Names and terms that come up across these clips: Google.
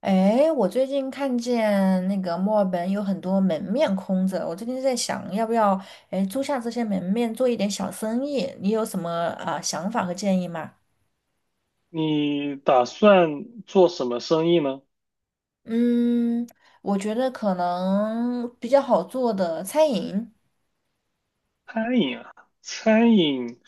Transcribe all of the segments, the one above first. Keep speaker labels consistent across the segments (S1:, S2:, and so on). S1: 哎，我最近看见那个墨尔本有很多门面空着，我最近在想要不要租下这些门面做一点小生意，你有什么想法和建议吗？
S2: 你打算做什么生意呢？
S1: 嗯，我觉得可能比较好做的餐饮。
S2: 餐饮啊，餐饮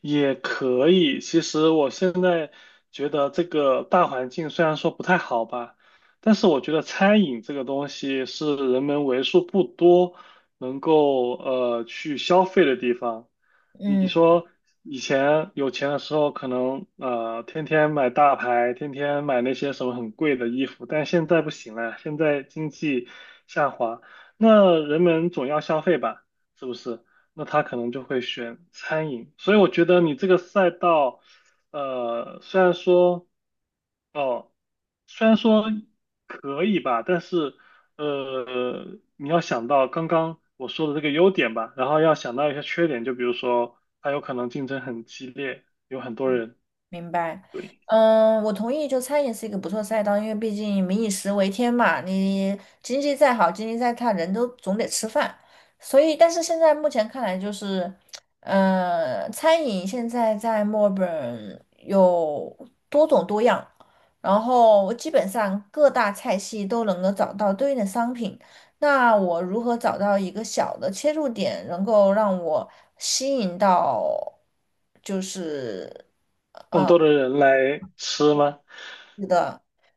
S2: 也可以。其实我现在觉得这个大环境虽然说不太好吧，但是我觉得餐饮这个东西是人们为数不多能够去消费的地方。你
S1: 嗯。
S2: 说以前有钱的时候，可能天天买大牌，天天买那些什么很贵的衣服，但现在不行了，现在经济下滑，那人们总要消费吧，是不是？那他可能就会选餐饮。所以我觉得你这个赛道，虽然说，哦，虽然说可以吧，但是，你要想到刚刚我说的这个优点吧，然后要想到一些缺点，就比如说，它有可能竞争很激烈，有很多人，
S1: 明白，嗯，我同意，就餐饮是一个不错赛道，因为毕竟民以食为天嘛，你经济再好，经济再差，人都总得吃饭。所以，但是现在目前看来，就是，餐饮现在在墨尔本有多种多样，然后基本上各大菜系都能够找到对应的商品。那我如何找到一个小的切入点，能够让我吸引到，就是。
S2: 更多的人来吃吗？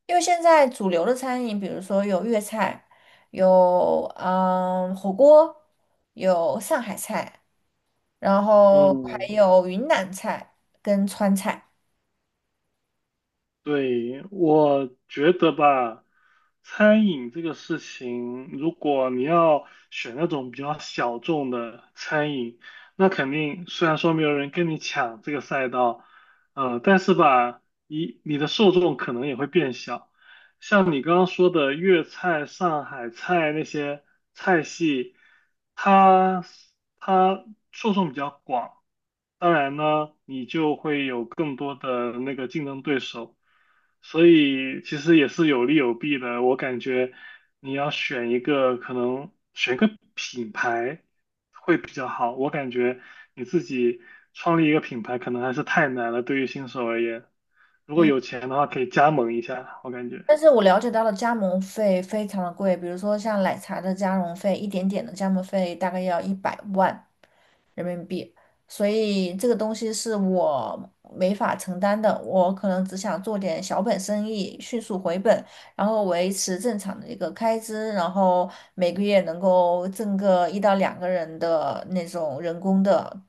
S1: 因为现在主流的餐饮，比如说有粤菜，有火锅，有上海菜，然后还
S2: 嗯，
S1: 有云南菜跟川菜。
S2: 对，我觉得吧，餐饮这个事情，如果你要选那种比较小众的餐饮，那肯定虽然说没有人跟你抢这个赛道，但是吧，你的受众可能也会变小。像你刚刚说的粤菜、上海菜那些菜系，它它受众比较广，当然呢，你就会有更多的那个竞争对手，所以其实也是有利有弊的。我感觉你要选一个，可能选一个品牌会比较好。我感觉你自己创立一个品牌可能还是太难了，对于新手而言。如果
S1: 嗯，
S2: 有钱的话，可以加盟一下，我感觉。
S1: 但是我了解到的加盟费非常的贵，比如说像奶茶的加盟费，一点点的加盟费大概要100万。人民币，所以这个东西是我没法承担的。我可能只想做点小本生意，迅速回本，然后维持正常的一个开支，然后每个月能够挣个1到2个人的那种人工的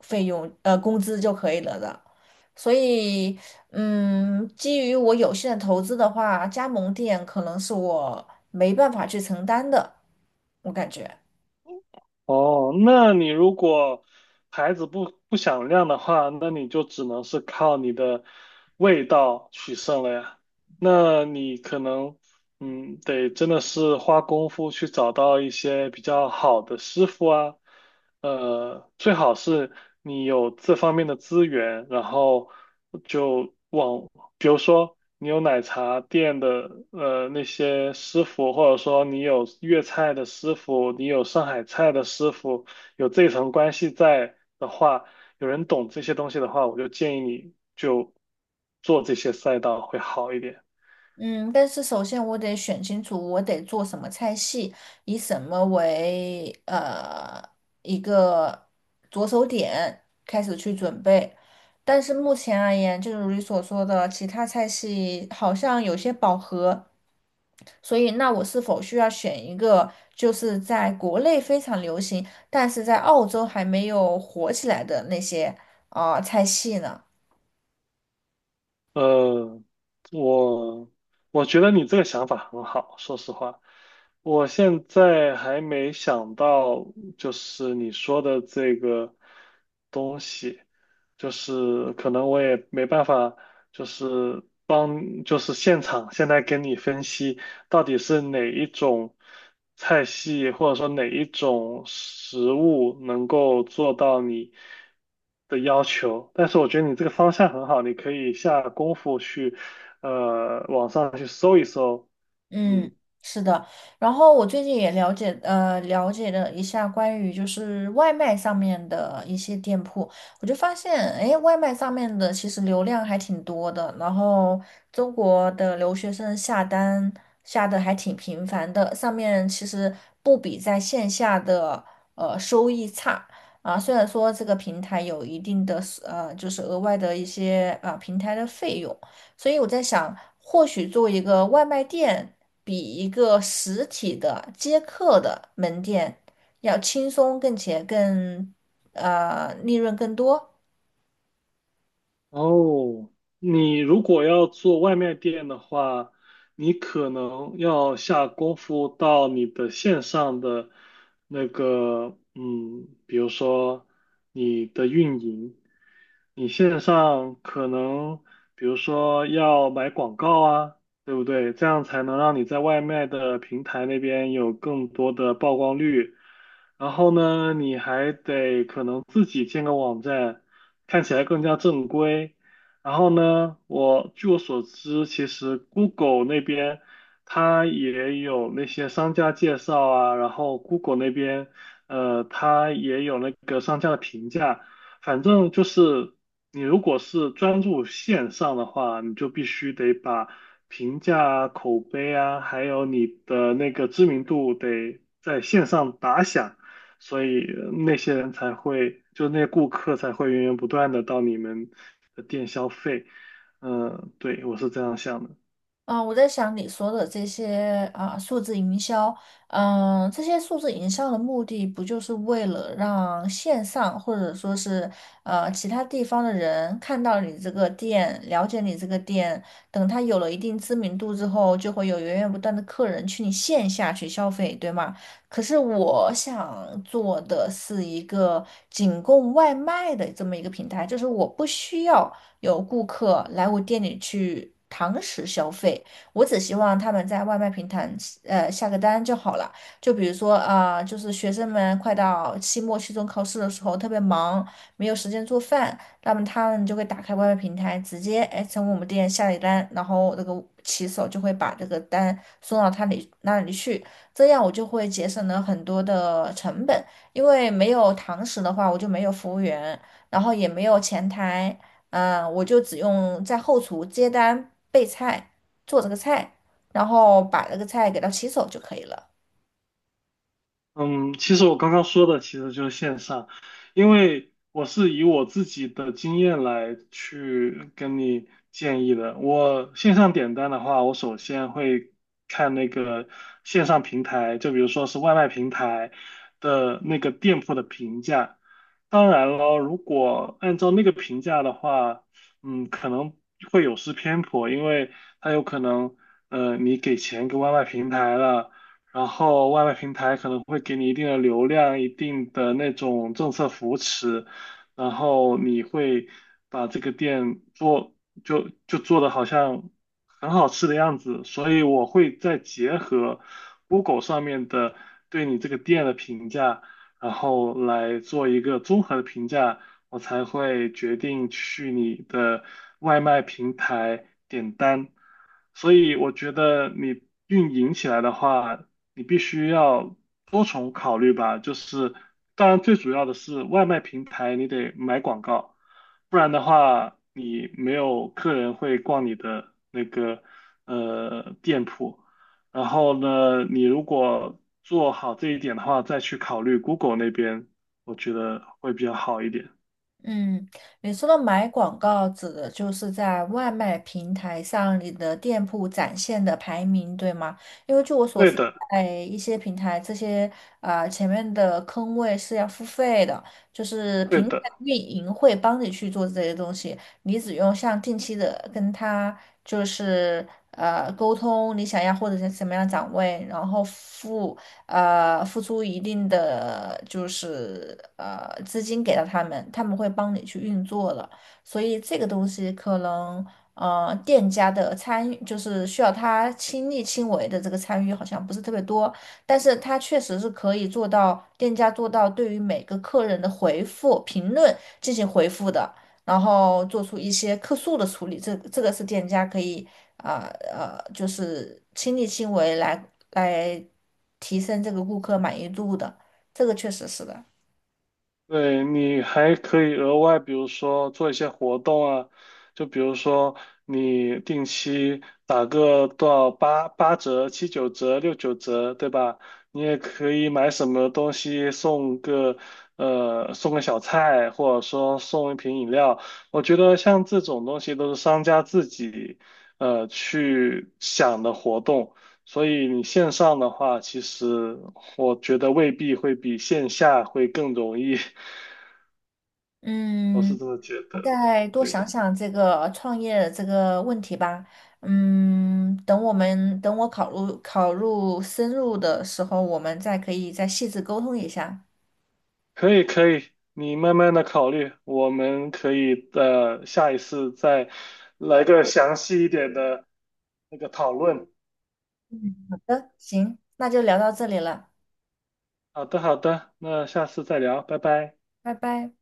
S1: 费用，工资就可以了的。所以，嗯，基于我有限的投资的话，加盟店可能是我没办法去承担的，我感觉。
S2: 哦，那你如果牌子不响亮的话，那你就只能是靠你的味道取胜了呀。那你可能，嗯，得真的是花功夫去找到一些比较好的师傅啊，最好是你有这方面的资源，然后就。往。比如说你有奶茶店的那些师傅，或者说你有粤菜的师傅，你有上海菜的师傅，有这层关系在的话，有人懂这些东西的话，我就建议你就做这些赛道会好一点。
S1: 嗯，但是首先我得选清楚我得做什么菜系，以什么为一个着手点开始去准备。但是目前而言，就如你所说的，其他菜系好像有些饱和，所以那我是否需要选一个就是在国内非常流行，但是在澳洲还没有火起来的那些菜系呢？
S2: 呃，我我觉得你这个想法很好，说实话，我现在还没想到，就是你说的这个东西，就是可能我也没办法，就是帮，就是现场现在跟你分析。到底是哪一种菜系，或者说哪一种食物能够做到你的要求。但是我觉得你这个方向很好，你可以下功夫去，网上去搜一搜，
S1: 嗯，
S2: 嗯。
S1: 是的。然后我最近也了解，了一下关于就是外卖上面的一些店铺，我就发现，哎，外卖上面的其实流量还挺多的。然后中国的留学生下单下的还挺频繁的，上面其实不比在线下的收益差。啊，虽然说这个平台有一定的就是额外的一些平台的费用，所以我在想，或许作为一个外卖店。比一个实体的接客的门店要轻松，并且利润更多。
S2: 哦，你如果要做外卖店的话，你可能要下功夫到你的线上的那个，嗯，比如说你的运营，你线上可能，比如说要买广告啊，对不对？这样才能让你在外卖的平台那边有更多的曝光率。然后呢，你还得可能自己建个网站。看起来更加正规。然后呢，我据我所知，其实 Google 那边它也有那些商家介绍啊，然后 Google 那边它也有那个商家的评价。反正就是你如果是专注线上的话，你就必须得把评价啊、口碑啊，还有你的那个知名度得在线上打响。所以那些人才会，就那些顾客才会源源不断的到你们的店消费。嗯、对，我是这样想的。
S1: 我在想你说的这些数字营销，这些数字营销的目的不就是为了让线上或者说是其他地方的人看到你这个店，了解你这个店，等他有了一定知名度之后，就会有源源不断的客人去你线下去消费，对吗？可是我想做的是一个仅供外卖的这么一个平台，就是我不需要。有顾客来我店里去堂食消费，我只希望他们在外卖平台下个单就好了。就比如说就是学生们快到期末、期中考试的时候特别忙，没有时间做饭，那么他们就会打开外卖平台，直接哎从我们店下一单，然后那个骑手就会把这个单送到他里那里去，这样我就会节省了很多的成本。因为没有堂食的话，我就没有服务员，然后也没有前台，嗯，我就只用在后厨接单、备菜、做这个菜，然后把这个菜给它洗手就可以了。
S2: 嗯，其实我刚刚说的其实就是线上，因为我是以我自己的经验来去跟你建议的。我线上点单的话，我首先会看那个线上平台，就比如说是外卖平台的那个店铺的评价。当然了，如果按照那个评价的话，嗯，可能会有失偏颇，因为它有可能，你给钱给外卖平台了。然后外卖平台可能会给你一定的流量、一定的那种政策扶持，然后你会把这个店做就做的好像很好吃的样子，所以我会再结合 Google 上面的对你这个店的评价，然后来做一个综合的评价，我才会决定去你的外卖平台点单。所以我觉得你运营起来的话，你必须要多重考虑吧。就是，当然最主要的是外卖平台你得买广告，不然的话你没有客人会逛你的那个店铺。然后呢，你如果做好这一点的话，再去考虑 Google 那边，我觉得会比较好一点。
S1: 嗯，你说的买广告指的就是在外卖平台上你的店铺展现的排名，对吗？因为据我所
S2: 对
S1: 知，
S2: 的，
S1: 在一些平台，这些前面的坑位是要付费的，就是
S2: 对
S1: 平台
S2: 的。
S1: 运营会帮你去做这些东西，你只用像定期的跟他就是沟通你想要或者是什么样的展位，然后付出一定的就是资金给到他们，他们会帮你去运作了。所以这个东西可能店家的参与，就是需要他亲力亲为的这个参与好像不是特别多，但是他确实是可以做到店家做到对于每个客人的回复评论进行回复的。然后做出一些客诉的处理，这个是店家可以就是亲力亲为来提升这个顾客满意度的，这个确实是的。
S2: 对，你还可以额外，比如说做一些活动啊，就比如说你定期打个多少八八折、七九折、六九折，对吧？你也可以买什么东西送个送个小菜，或者说送一瓶饮料。我觉得像这种东西都是商家自己去想的活动，所以你线上的话，其实我觉得未必会比线下会更容易。我是
S1: 嗯，
S2: 这么觉
S1: 我
S2: 得。
S1: 再多想
S2: 对，
S1: 想这个创业这个问题吧。嗯，等我考入深入的时候，我们再可以再细致沟通一下。
S2: 可以可以，你慢慢的考虑，我们可以的下一次再来个详细一点的那个讨论。
S1: 好的，行，那就聊到这里了，
S2: 好的好的，那下次再聊，拜拜。
S1: 拜拜。